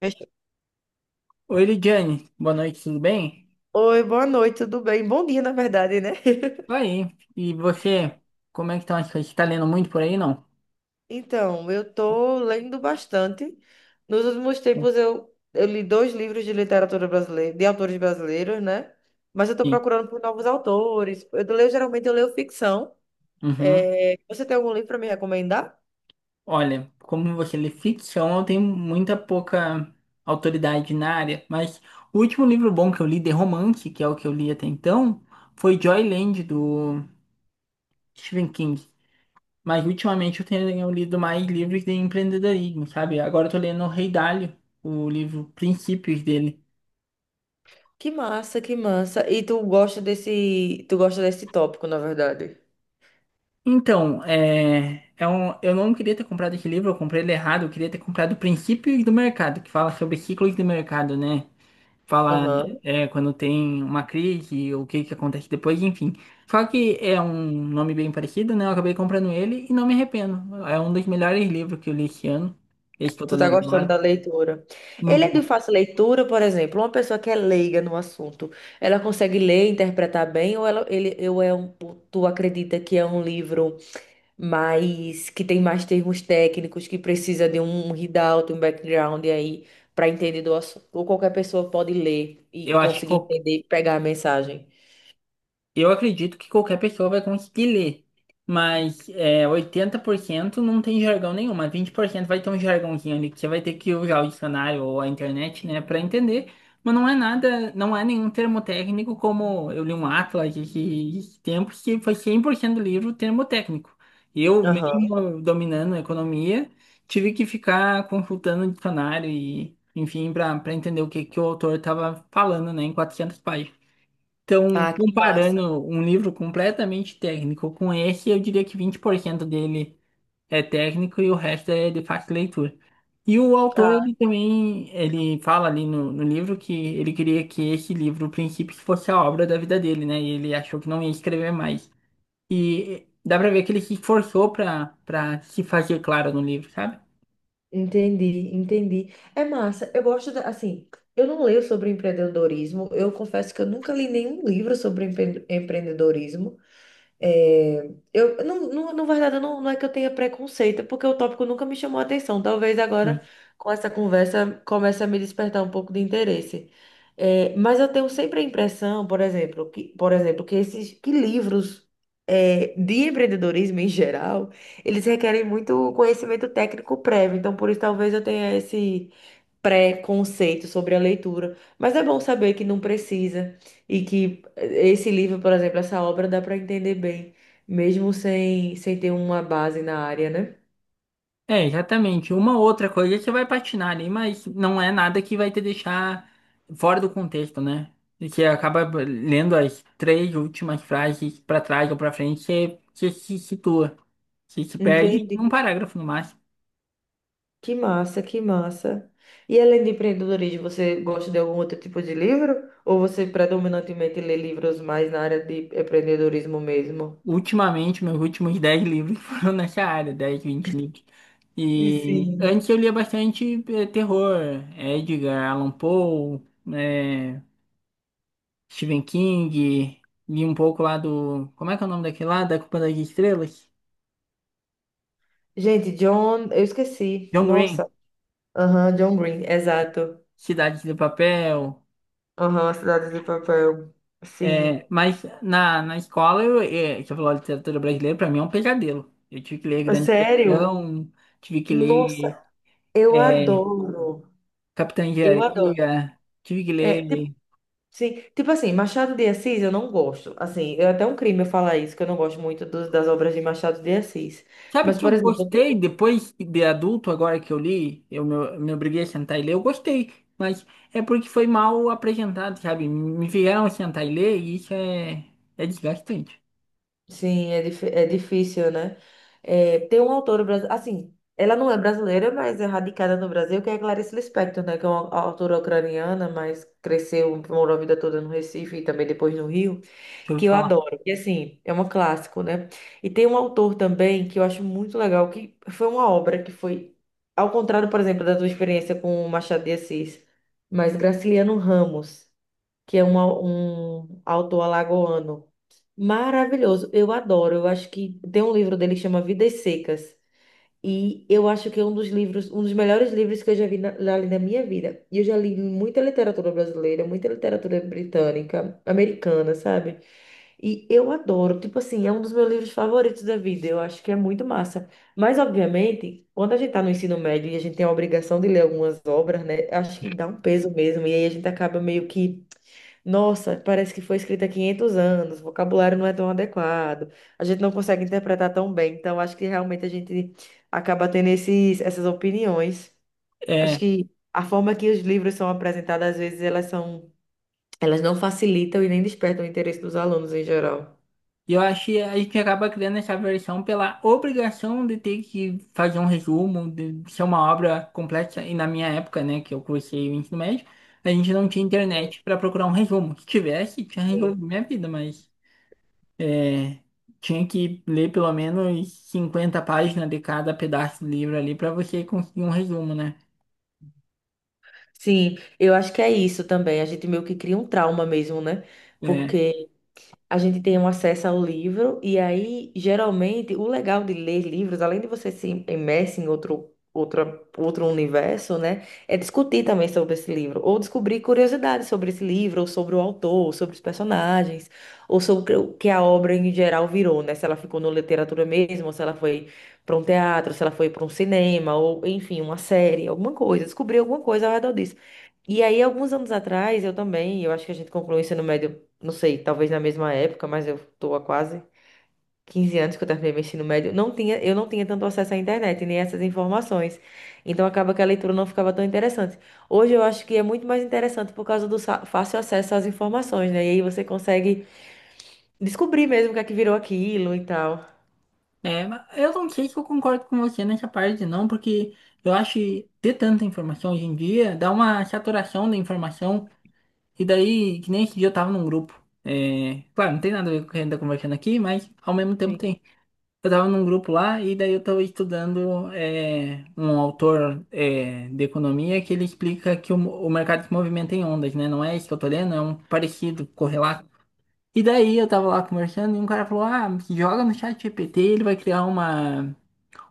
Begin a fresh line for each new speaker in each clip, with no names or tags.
Fechou.
Oi, Lidiane, boa noite, tudo bem?
Oi, boa noite, tudo bem? Bom dia, na verdade, né?
Tô aí. E você, como é que estão as coisas? Você tá lendo muito por aí, não?
Então, eu tô lendo bastante. Nos últimos tempos eu li dois livros de literatura brasileira, de autores brasileiros, né? Mas eu tô
Sim.
procurando por novos autores. Eu leio, geralmente eu leio ficção.
Uhum.
É, você tem algum livro para me recomendar?
Olha, como você lê ficção, eu tenho muita pouca autoridade na área, mas o último livro bom que eu li de romance, que é o que eu li até então, foi Joyland, do Stephen King. Mas ultimamente eu tenho lido mais livros de empreendedorismo, sabe? Agora eu tô lendo o Rei Dalio, o livro Princípios dele.
Que massa, que massa. E tu gosta desse tópico, na verdade.
Então, eu não queria ter comprado esse livro, eu comprei ele errado, eu queria ter comprado Princípios do Mercado, que fala sobre ciclos do mercado, né? Fala, quando tem uma crise, o que que acontece depois, enfim. Só que é um nome bem parecido, né? Eu acabei comprando ele e não me arrependo. É um dos melhores livros que eu li esse ano, esse que eu tô
Tu tá
lendo
gostando
agora.
da leitura. Ele
Muito
é de
bom.
fácil leitura, por exemplo, uma pessoa que é leiga no assunto, ela consegue ler, e interpretar bem, ou ela, ele, eu é um, tu acredita que é um livro mais, que tem mais termos técnicos, que precisa de um readout, um background aí para entender do assunto, ou qualquer pessoa pode ler e
Eu acho que
conseguir entender, pegar a mensagem.
Eu acredito que qualquer pessoa vai conseguir ler, mas, 80% não tem jargão nenhum, mas 20% vai ter um jargãozinho ali que você vai ter que usar o dicionário ou a internet, né, para entender. Mas não é nada, não é nenhum termo técnico como eu li um Atlas esses tempos que foi 100% do livro termo técnico. Eu,
Aham.
mesmo dominando a economia, tive que ficar consultando o dicionário e, enfim, para entender o que, que o autor estava falando, né, em 400. Então,
Ah, que massa.
comparando um livro completamente técnico com esse, eu diria que 20% dele é técnico e o resto é de fácil leitura. E o autor,
Ah,
ele também, ele fala ali no livro que ele queria que esse livro, o princípio, que fosse a obra da vida dele, né? E ele achou que não ia escrever mais. E dá pra ver que ele se esforçou pra se fazer claro no livro, sabe?
entendi, entendi. É massa. Eu gosto da, assim, eu não leio sobre empreendedorismo. Eu confesso que eu nunca li nenhum livro sobre empreendedorismo. É, eu, não, não, na verdade, não, não é que eu tenha preconceito, é porque o tópico nunca me chamou a atenção. Talvez agora, com essa conversa, comece a me despertar um pouco de interesse. É, mas eu tenho sempre a impressão, por exemplo, que esses que livros é, de empreendedorismo em geral, eles requerem muito conhecimento técnico prévio. Então, por isso, talvez eu tenha esse preconceito sobre a leitura, mas é bom saber que não precisa e que esse livro, por exemplo, essa obra dá para entender bem, mesmo sem ter uma base na área, né?
É, exatamente. Uma outra coisa você vai patinar ali, mas não é nada que vai te deixar fora do contexto, né? E você acaba lendo as três últimas frases pra trás ou pra frente, você se situa. Você se perde
Entendi.
num parágrafo no máximo.
Que massa, que massa. E além de empreendedorismo, você gosta de algum outro tipo de livro? Ou você predominantemente lê livros mais na área de empreendedorismo mesmo?
Ultimamente, meus últimos 10 livros foram nessa área, 10, 20 livros.
E
E
sim.
antes eu lia bastante, terror, Edgar Allan Poe, eh, Stephen King, li um pouco lá do. Como é que é o nome daquele lá? Da Culpa das Estrelas?
Gente, John, eu esqueci.
John Green,
Nossa. Aham, John Green, exato.
Cidade de Papel.
Aham, Cidade de Papel. Sim.
É, mas na escola, você falou de literatura brasileira, para mim é um pesadelo. Eu tive que ler
Ah,
Grande
sério?
Questão, tive que
Nossa,
ler,
eu
é,
adoro.
Capitã de
Eu adoro.
Areia, tive que
É,
ler.
sim, tipo assim, Machado de Assis eu não gosto. Assim, é até um crime eu falar isso, que eu não gosto muito das obras de Machado de Assis.
Sabe
Mas,
que
por
eu
exemplo,
gostei depois de adulto, agora que eu li, eu me obriguei a sentar e ler, eu gostei, mas é porque foi mal apresentado, sabe? Me fizeram sentar e ler e isso é desgastante,
sim, é difícil, né? É, tem um autor brasileiro, assim, ela não é brasileira, mas é radicada no Brasil, que é Clarice Lispector, né? Que é uma autora ucraniana, mas cresceu, morou a vida toda no Recife e também depois no Rio.
deixa eu
Que eu
falar.
adoro. E assim, é um clássico, né? E tem um autor também que eu acho muito legal, que foi uma obra que foi, ao contrário, por exemplo, da tua experiência com o Machado de Assis, mas Graciliano Ramos, que é um autor alagoano maravilhoso. Eu adoro. Eu acho que tem um livro dele que chama Vidas Secas. E eu acho que é um dos livros, um dos melhores livros que eu já vi na minha vida. E eu já li muita literatura brasileira, muita literatura britânica, americana, sabe? E eu adoro, tipo assim, é um dos meus livros favoritos da vida. Eu acho que é muito massa. Mas, obviamente, quando a gente tá no ensino médio e a gente tem a obrigação de ler algumas obras, né? Acho que dá um peso mesmo. E aí a gente acaba meio que nossa, parece que foi escrita há 500 anos, o vocabulário não é tão adequado, a gente não consegue interpretar tão bem, então acho que realmente a gente acaba tendo esses, essas opiniões. Acho
É,
que a forma que os livros são apresentados, às vezes, elas não facilitam e nem despertam o interesse dos alunos em geral.
e eu achei, a gente acaba criando essa versão pela obrigação de ter que fazer um resumo, de ser uma obra complexa, e na minha época, né, que eu cursei o ensino médio, a gente não tinha internet para procurar um resumo. Se tivesse, tinha
Sim,
resolvido minha vida, mas. É, tinha que ler pelo menos 50 páginas de cada pedaço do livro ali para você conseguir um resumo, né?
sim, eu acho que é isso também. A gente meio que cria um trauma mesmo, né?
É,
Porque a gente tem um acesso ao livro, e aí, geralmente, o legal de ler livros, além de você se imerse em outro, outra, outro universo, né, é discutir também sobre esse livro, ou descobrir curiosidades sobre esse livro, ou sobre o autor, ou sobre os personagens, ou sobre o que a obra em geral virou, né, se ela ficou na literatura mesmo, ou se ela foi para um teatro, se ela foi para um cinema, ou, enfim, uma série, alguma coisa, descobrir alguma coisa ao redor disso. E aí, alguns anos atrás, eu também, eu acho que a gente concluiu o ensino médio não sei, talvez na mesma época, mas eu tô há quase 15 anos que eu terminei meu ensino médio, eu não tinha tanto acesso à internet, nem essas informações. Então acaba que a leitura não ficava tão interessante. Hoje eu acho que é muito mais interessante por causa do fácil acesso às informações, né? E aí você consegue descobrir mesmo o que é que virou aquilo e tal.
é, mas eu não sei se eu concordo com você nessa parte, não, porque eu acho que ter tanta informação hoje em dia dá uma saturação da informação, e daí, que nem esse dia eu tava num grupo. É, claro, não tem nada a ver com o que a gente tá conversando aqui, mas ao mesmo tempo
Sim.
tem. Eu tava num grupo lá e daí eu tava estudando, um autor, de economia que ele explica que o mercado se movimenta em ondas, né? Não é isso que eu tô lendo, é um parecido, correlato. E daí eu tava lá conversando e um cara falou, ah, joga no chat GPT, ele vai criar uma,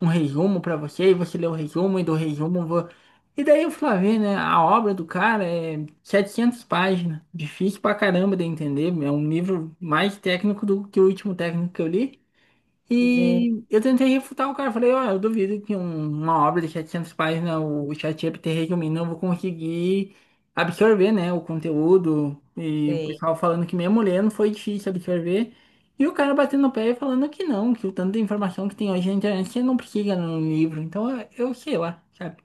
um resumo pra você, e você lê o resumo, e do resumo... vo-" E daí eu fui lá ver, né? A obra do cara é 700 páginas, difícil pra caramba de entender, é um livro mais técnico do que o último técnico que eu li.
Gente,
E eu tentei refutar o cara, falei, ó, eu duvido que uma obra de 700 páginas, o ChatGPT resumindo, eu vou conseguir absorver, né, o conteúdo, e o
sim.
pessoal falando que mesmo lendo foi difícil absorver, e o cara batendo o pé e falando que não, que o tanto de informação que tem hoje na internet, você não precisa no livro, então eu sei lá, sabe?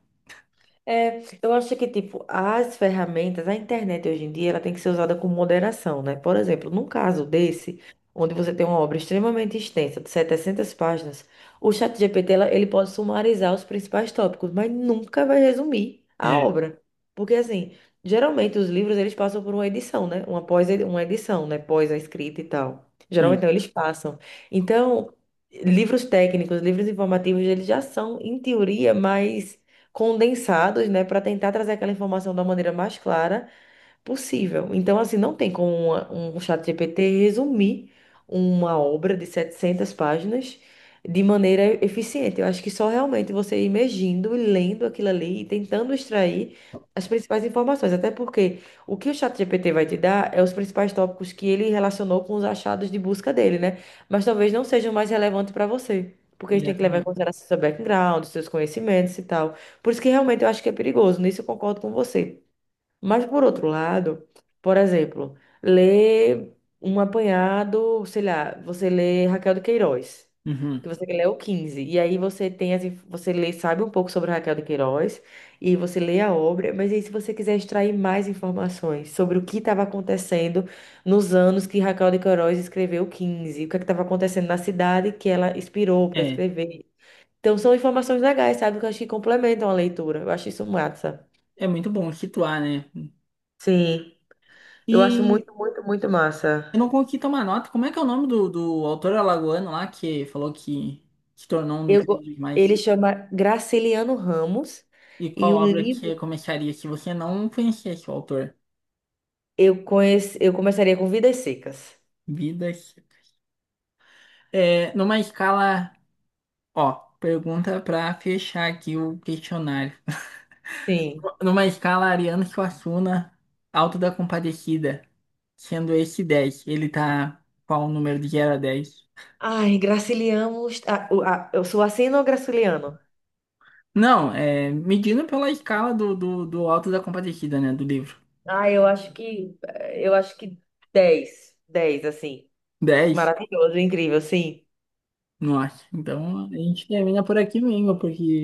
É, eu acho que, tipo, as ferramentas, a internet hoje em dia, ela tem que ser usada com moderação, né? Por exemplo, num caso desse, onde você tem uma obra extremamente extensa, de 700 páginas, o ChatGPT, ele pode sumarizar os principais tópicos, mas nunca vai resumir a
É,
obra. Porque, assim, geralmente os livros, eles passam por uma edição, né? Uma edição, né? Pós a escrita e tal.
sim,
Geralmente, não, eles passam. Então, livros técnicos, livros informativos, eles já são, em teoria, mais condensados, né, para tentar trazer aquela informação da maneira mais clara possível. Então, assim, não tem como um chat GPT resumir uma obra de 700 páginas de maneira eficiente. Eu acho que só realmente você imergindo e lendo aquilo ali e tentando extrair as principais informações. Até porque o que o chat GPT vai te dar é os principais tópicos que ele relacionou com os achados de busca dele, né? Mas talvez não sejam mais relevantes para você. Porque você tem que levar em
exatamente.
consideração seu background, seus conhecimentos e tal. Por isso que realmente eu acho que é perigoso. Nisso eu concordo com você. Mas, por outro lado, por exemplo, ler um apanhado, sei lá, você lê Raquel de Queiroz,
Uhum.
que você lê o Quinze e aí você tem você lê, sabe um pouco sobre Raquel de Queiroz, e você lê a obra, mas aí se você quiser extrair mais informações sobre o que estava acontecendo nos anos que Raquel de Queiroz escreveu o Quinze, o que estava acontecendo na cidade que ela inspirou para
É,
escrever. Então, são informações legais, sabe, que eu acho que complementam a leitura. Eu acho isso massa.
é muito bom situar, né?
Sim. Eu acho
E
muito, muito, muito massa.
E não conquista uma nota. Como é que é o nome do autor alagoano lá que falou que, tornou um dos
Eu, go-
livros mais.
ele chama Graciliano Ramos
E
e
qual
o
obra
livro
que começaria se você não conhecesse o autor?
eu começaria com Vidas Secas.
Vidas. É, numa escala. Ó, pergunta pra fechar aqui o questionário.
Sim.
Numa escala Ariano Suassuna, Alto da Compadecida, sendo esse 10, ele tá qual o número de 0 a 10?
Ai, Graciliano, ah, ah, eu sou assim ou Graciliano?
Não, é medindo pela escala do Alto da Compadecida, né? Do livro.
Ah, eu acho que 10, 10, assim.
10.
Maravilhoso, incrível, sim.
Nossa, então a gente termina por aqui mesmo, porque